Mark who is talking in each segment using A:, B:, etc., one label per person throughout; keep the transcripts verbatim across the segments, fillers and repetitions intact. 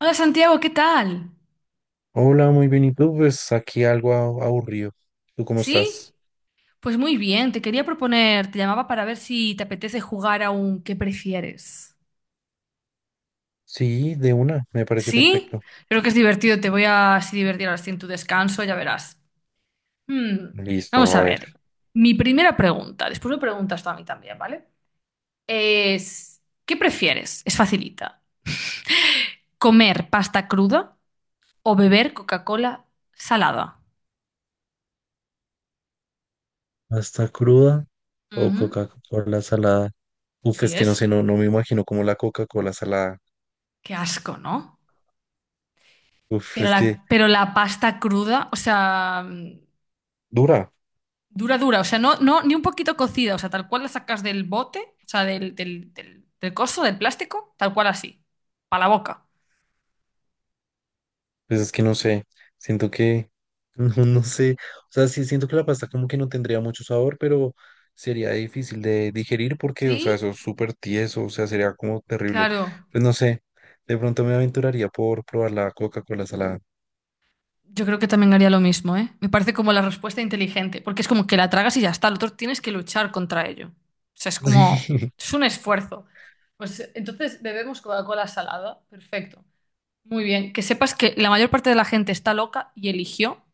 A: Hola Santiago, ¿qué tal?
B: Hola, muy bien. ¿Y tú? Pues aquí algo a- aburrido. ¿Tú cómo
A: ¿Sí?
B: estás?
A: Pues muy bien, te quería proponer, te llamaba para ver si te apetece jugar a un ¿qué prefieres?
B: Sí, de una, me parece
A: ¿Sí?
B: perfecto.
A: Creo que es divertido, te voy a así divertir ahora sí en tu descanso, ya verás. Hmm.
B: Listo,
A: Vamos
B: a
A: a
B: ver.
A: ver, mi primera pregunta, después me preguntas tú a mí también, ¿vale? Es, ¿qué prefieres? Es facilita. ¿Comer pasta cruda o beber Coca-Cola salada?
B: ¿Hasta cruda o
A: Ujú.
B: Coca-Cola salada? Uf,
A: Sí
B: es que no sé,
A: es.
B: no, no me imagino como la Coca-Cola salada.
A: Qué asco, ¿no?
B: Uf,
A: Pero
B: es que
A: la, pero la pasta cruda, o sea, mm,
B: dura.
A: dura, dura, o sea, no, no, ni un poquito cocida, o sea, tal cual la sacas del bote, o sea, del, del, del, del coso, del plástico, tal cual así, para la boca.
B: Pues es que no sé, siento que, no, no sé, o sea, sí siento que la pasta como que no tendría mucho sabor, pero sería difícil de digerir porque, o sea,
A: Sí,
B: eso es súper tieso, o sea, sería como terrible.
A: claro.
B: Pues no sé, de pronto me aventuraría por probar la Coca-Cola salada.
A: Yo creo que también haría lo mismo, ¿eh? Me parece como la respuesta inteligente, porque es como que la tragas y ya está, el otro tienes que luchar contra ello. O sea, es como,
B: Sí,
A: es un esfuerzo. Pues entonces bebemos Coca-Cola salada, perfecto. Muy bien, que sepas que la mayor parte de la gente está loca y eligió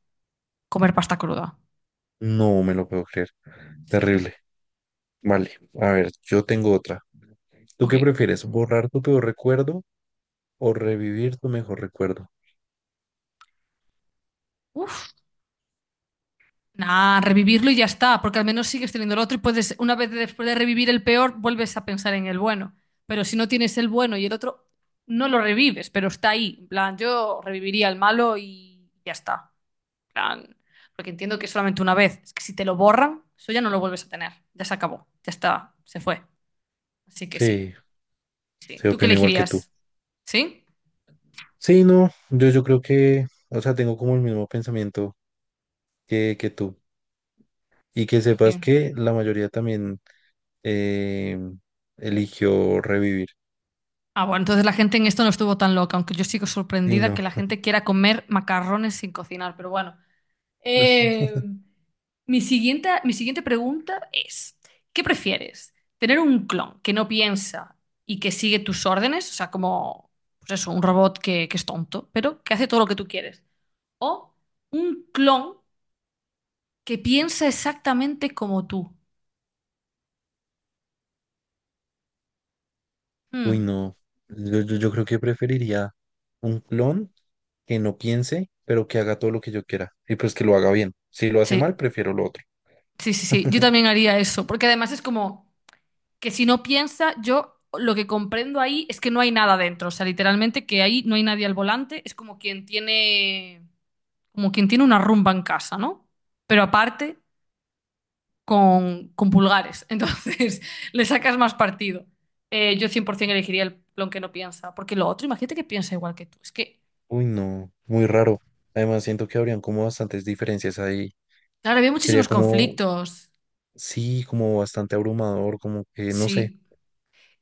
A: comer pasta cruda.
B: no me lo puedo creer,
A: Sí, sí, sí.
B: terrible. Vale, a ver, yo tengo otra. ¿Tú
A: Ok.
B: qué prefieres, borrar tu peor recuerdo o revivir tu mejor recuerdo?
A: Uf. Nah, revivirlo y ya está, porque al menos sigues teniendo el otro y puedes, una vez después de revivir el peor, vuelves a pensar en el bueno. Pero si no tienes el bueno y el otro, no lo revives, pero está ahí. En plan, yo reviviría el malo y ya está. En plan, porque entiendo que es solamente una vez. Es que si te lo borran, eso ya no lo vuelves a tener. Ya se acabó, ya está, se fue. Así que sí,
B: Sí,
A: sí.
B: se
A: ¿Tú qué
B: opino igual que tú.
A: elegirías? ¿Sí?
B: Sí, no, yo, yo creo que, o sea, tengo como el mismo pensamiento que, que tú. Y que
A: Sí,
B: sepas
A: sí.
B: que la mayoría también eh, eligió revivir.
A: Ah, bueno, entonces la gente en esto no estuvo tan loca, aunque yo sigo
B: Sí,
A: sorprendida que
B: no,
A: la gente quiera comer macarrones sin cocinar, pero bueno. Eh, mi siguiente, mi siguiente pregunta es, ¿qué prefieres? ¿Tener un clon que no piensa y que sigue tus órdenes? O sea, como, pues eso, un robot que, que es tonto, pero que hace todo lo que tú quieres. ¿O un clon que piensa exactamente como tú?
B: uy,
A: Hmm.
B: no. Yo, yo, yo creo que preferiría un clon que no piense, pero que haga todo lo que yo quiera. Y pues que lo haga bien. Si lo hace mal,
A: Sí,
B: prefiero lo otro.
A: sí, sí, sí. Yo también haría eso, porque además es como... que si no piensa, yo lo que comprendo ahí es que no hay nada dentro. O sea, literalmente que ahí no hay nadie al volante. Es como quien tiene, como quien tiene una rumba en casa, ¿no? Pero aparte con, con pulgares. Entonces le sacas más partido. Eh, yo cien por ciento elegiría el plon que no piensa. Porque lo otro, imagínate que piensa igual que tú. Es que,
B: Uy, no, muy raro. Además, siento que habrían como bastantes diferencias ahí.
A: claro, había
B: Sería
A: muchísimos
B: como,
A: conflictos.
B: sí, como bastante abrumador, como que, no sé.
A: Sí.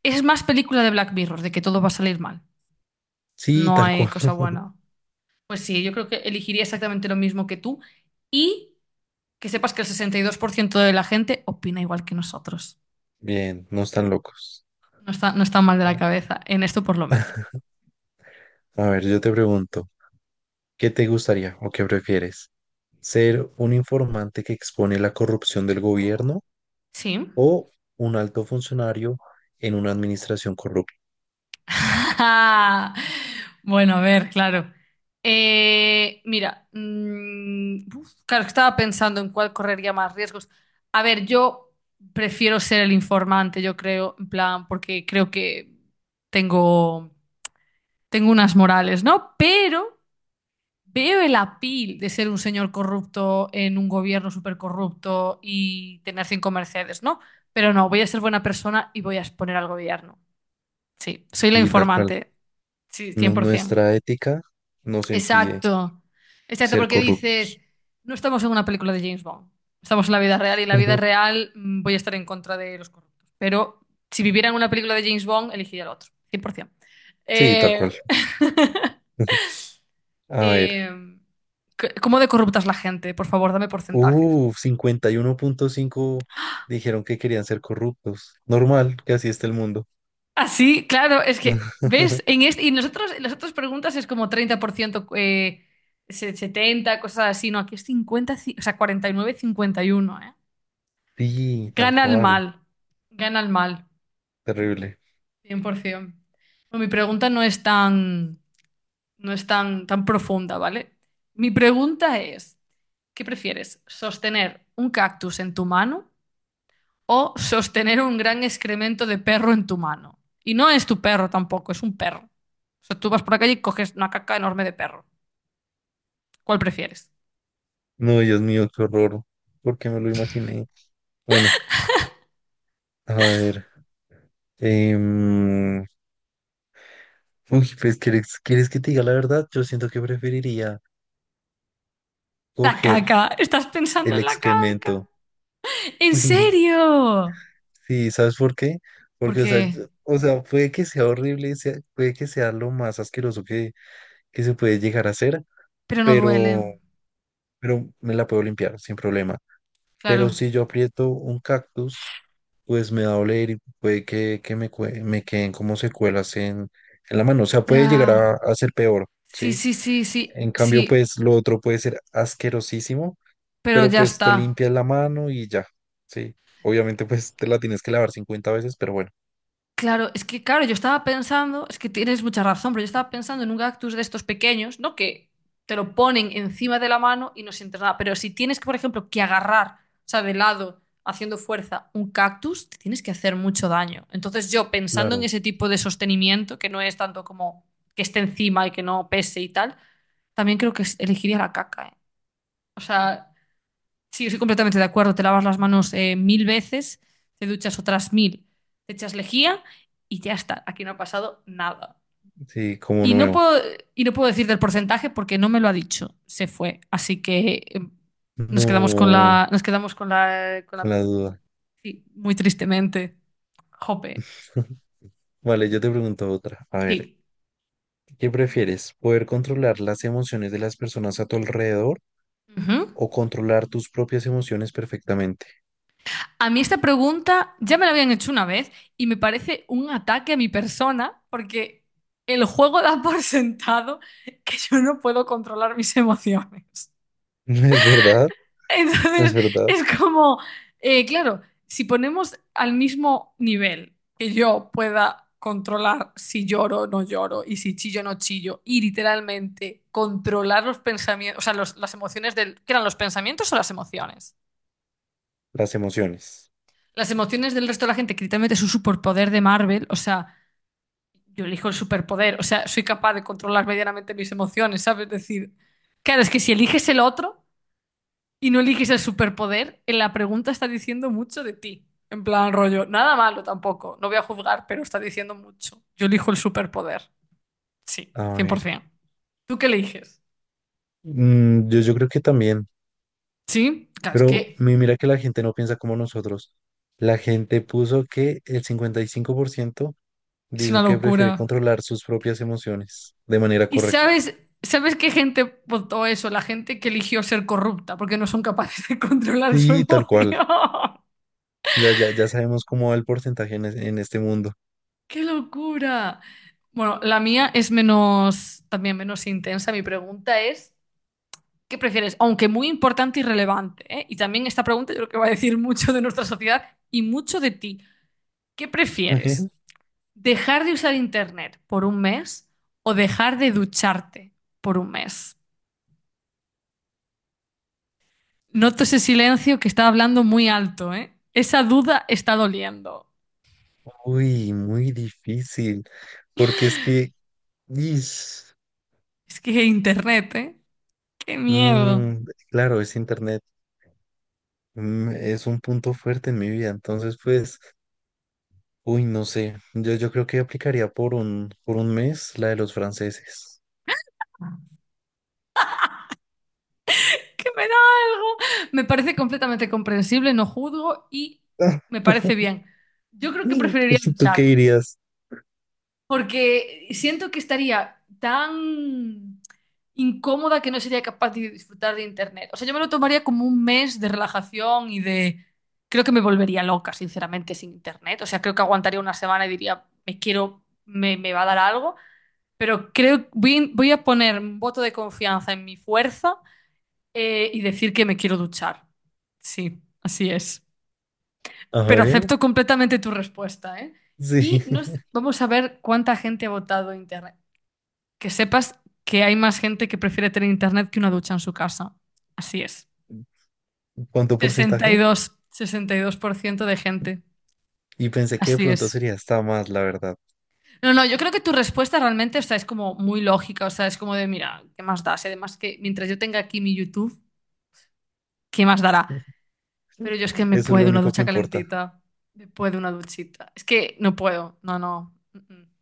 A: Es más película de Black Mirror, de que todo va a salir mal.
B: Sí,
A: No
B: tal
A: hay
B: cual.
A: cosa buena. Pues sí, yo creo que elegiría exactamente lo mismo que tú. Y que sepas que el sesenta y dos por ciento de la gente opina igual que nosotros.
B: Bien, no están locos.
A: No está, no está mal de la cabeza, en esto por lo menos.
B: A ver, yo te pregunto, ¿qué te gustaría o qué prefieres? ¿Ser un informante que expone la corrupción del gobierno
A: Sí.
B: o un alto funcionario en una administración corrupta?
A: Bueno, a ver, claro. Eh, mira, mm, uf, claro, estaba pensando en cuál correría más riesgos. A ver, yo prefiero ser el informante, yo creo, en plan, porque creo que tengo, tengo unas morales, ¿no? Pero veo el apil de ser un señor corrupto en un gobierno súper corrupto y tener cinco Mercedes, ¿no? Pero no, voy a ser buena persona y voy a exponer al gobierno. Sí, soy la
B: Y tal cual,
A: informante. Sí,
B: no-
A: cien por ciento.
B: nuestra ética nos impide
A: Exacto. Exacto,
B: ser
A: porque
B: corruptos.
A: dices, no estamos en una película de James Bond. Estamos en la vida real y en la vida real mm, voy a estar en contra de los corruptos. Pero si viviera en una película de James Bond, elegiría el otro. cien por ciento.
B: Sí, tal
A: Eh...
B: cual. A
A: Eh,
B: ver,
A: c- ¿cómo de corrupta es la gente? Por favor, dame porcentajes.
B: uh, cincuenta y uno punto cinco dijeron que querían ser corruptos. Normal, que así está el mundo.
A: Así, claro, es que, ¿ves? En este, y nosotros, en las otras preguntas es como treinta por ciento, eh, se- setenta cosas así. No, aquí es cincuenta, ci- o sea, cuarenta y nueve, cincuenta y uno, ¿eh?
B: Sí, tal
A: Gana el
B: cual,
A: mal, gana el mal,
B: terrible.
A: cien por ciento. No, mi pregunta no es tan, no es tan, tan profunda, ¿vale? Mi pregunta es, ¿qué prefieres? ¿Sostener un cactus en tu mano? O sostener un gran excremento de perro en tu mano. Y no es tu perro tampoco, es un perro. O sea, tú vas por la calle y coges una caca enorme de perro. ¿Cuál prefieres?
B: No, Dios mío, qué horror. ¿Por qué me lo imaginé? Bueno, a ver. em, uy, pues, ¿quieres, quieres que te diga la verdad? Yo siento que preferiría
A: La
B: coger
A: caca. Estás pensando
B: el
A: en la caca.
B: excremento.
A: ¿En serio?
B: Sí, ¿sabes por qué? Porque, o sea,
A: Porque,
B: yo- o sea, puede que sea horrible, sea- puede que sea lo más asqueroso que, que se puede llegar a hacer,
A: pero no duele.
B: pero, pero me la puedo limpiar sin problema. Pero
A: Claro.
B: si yo aprieto un cactus, pues me va a doler y puede que, que me, cue- me queden como secuelas en, en la mano. O sea, puede llegar a,
A: Ya.
B: a ser peor,
A: Sí,
B: ¿sí?
A: sí, sí, sí,
B: En cambio,
A: sí.
B: pues lo otro puede ser asquerosísimo,
A: Pero
B: pero
A: ya
B: pues te
A: está.
B: limpias la mano y ya, ¿sí? Obviamente, pues te la tienes que lavar cincuenta veces, pero bueno,
A: Claro, es que claro, yo estaba pensando, es que tienes mucha razón, pero yo estaba pensando en un cactus de estos pequeños, ¿no? Que te lo ponen encima de la mano y no sientes nada. Pero si tienes que, por ejemplo, que agarrar, o sea, de lado, haciendo fuerza, un cactus, te tienes que hacer mucho daño. Entonces yo, pensando en
B: claro.
A: ese tipo de sostenimiento, que no es tanto como que esté encima y que no pese y tal, también creo que elegiría la caca, ¿eh? O sea, sí, estoy completamente de acuerdo. Te lavas las manos eh, mil veces, te duchas otras mil, te echas lejía y ya está. Aquí no ha pasado nada.
B: Sí, como
A: Y no
B: nuevo.
A: puedo, y no puedo decir del porcentaje porque no me lo ha dicho. Se fue. Así que eh, nos quedamos con
B: No,
A: la, nos quedamos con la, con
B: con
A: la,
B: la duda.
A: sí, muy tristemente. Jope.
B: Vale, yo te pregunto otra. A ver,
A: Sí.
B: ¿qué prefieres? ¿Poder controlar las emociones de las personas a tu alrededor
A: Ujú.
B: o controlar tus propias emociones perfectamente?
A: A mí esta pregunta ya me la habían hecho una vez y me parece un ataque a mi persona porque el juego da por sentado que yo no puedo controlar mis emociones.
B: Es verdad, es
A: Entonces
B: verdad.
A: es como, eh, claro, si ponemos al mismo nivel que yo pueda controlar si lloro o no lloro y si chillo o no chillo y literalmente controlar los pensamientos, o sea, los- las emociones del... ¿Qué eran los pensamientos o las emociones?
B: Las emociones.
A: Las emociones del resto de la gente, que literalmente es un superpoder de Marvel, o sea, yo elijo el superpoder, o sea, soy capaz de controlar medianamente mis emociones, ¿sabes? Es decir, claro, es que si eliges el otro y no eliges el superpoder, en la pregunta está diciendo mucho de ti. En plan, rollo, nada malo tampoco, no voy a juzgar, pero está diciendo mucho. Yo elijo el superpoder, sí,
B: A ver.
A: cien por ciento. ¿Tú qué eliges?
B: mm, yo, yo creo que también.
A: Sí, claro, es
B: Pero
A: que
B: mi- mira que la gente no piensa como nosotros. La gente puso que el cincuenta y cinco por ciento
A: es una
B: dijo que prefiere
A: locura.
B: controlar sus propias emociones de manera
A: Y
B: correcta.
A: sabes, ¿sabes qué gente votó eso? La gente que eligió ser corrupta porque no son capaces de controlar su
B: Sí, tal
A: emoción.
B: cual. Ya, ya, ya sabemos cómo va el porcentaje en, es- en este mundo.
A: ¡Qué locura! Bueno, la mía es menos, también menos intensa. Mi pregunta es, ¿qué prefieres? Aunque muy importante y relevante, ¿eh? Y también esta pregunta yo creo que va a decir mucho de nuestra sociedad y mucho de ti. ¿Qué prefieres? ¿Dejar de usar internet por un mes o dejar de ducharte por un mes? Noto ese silencio que está hablando muy alto, ¿eh? Esa duda está doliendo.
B: Uy, muy difícil. Porque es que, ish,
A: Es que internet, ¿eh? Qué miedo.
B: mm, claro, es internet. Mm, es un punto fuerte en mi vida, entonces pues, uy, no sé, yo, yo creo que aplicaría por un, por un mes la de los franceses.
A: Que me da algo. Me parece completamente comprensible, no juzgo y me parece bien. Yo creo que preferiría
B: ¿Tú qué
A: ducharme.
B: dirías?
A: Porque siento que estaría tan incómoda que no sería capaz de disfrutar de internet. O sea, yo me lo tomaría como un mes de relajación y de... Creo que me volvería loca, sinceramente, sin internet. O sea, creo que aguantaría una semana y diría, me quiero, me, me va a dar algo. Pero creo, voy, voy a poner un voto de confianza en mi fuerza eh, y decir que me quiero duchar. Sí, así es.
B: A
A: Pero acepto
B: ver,
A: completamente tu respuesta, ¿eh?
B: sí.
A: Y nos, vamos a ver cuánta gente ha votado internet que sepas que hay más gente que prefiere tener internet que una ducha en su casa. Así es.
B: ¿Cuánto
A: Sesenta sesenta y y
B: porcentaje?
A: dos, sesenta y dos por ciento de gente.
B: Y pensé que de
A: Así
B: pronto
A: es.
B: sería hasta más, la verdad.
A: No, no, yo creo que tu respuesta realmente, o sea, es como muy lógica, o sea, es como de, mira, ¿qué más da? Si además que mientras yo tenga aquí mi YouTube, ¿qué más dará? Pero yo es que me
B: Eso es lo
A: puedo una
B: único que
A: ducha
B: importa.
A: calentita, me puedo una duchita. Es que no puedo, no, no. Mm, mm.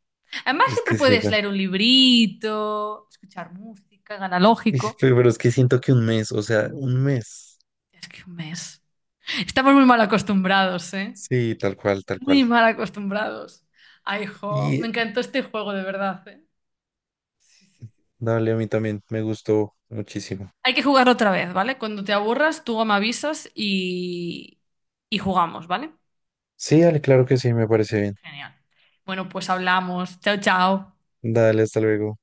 A: Además
B: Es
A: siempre
B: que sí,
A: puedes
B: bueno,
A: leer un librito, escuchar música,
B: y-
A: analógico.
B: pero pero es que siento que un mes, o sea, un mes.
A: Es que un mes. Estamos muy mal acostumbrados, ¿eh?
B: Sí, tal cual, tal cual.
A: Muy mal acostumbrados. Ay, jo,
B: Y
A: me
B: eh,
A: encantó este juego, de verdad, ¿eh? Sí, sí, sí.
B: dale, a mí también me gustó muchísimo.
A: Hay que jugar otra vez, ¿vale? Cuando te aburras, tú me avisas y, y jugamos, ¿vale?
B: Sí, dale, claro que sí, me parece bien.
A: Genial. Bueno, pues hablamos. Chao, chao.
B: Dale, hasta luego.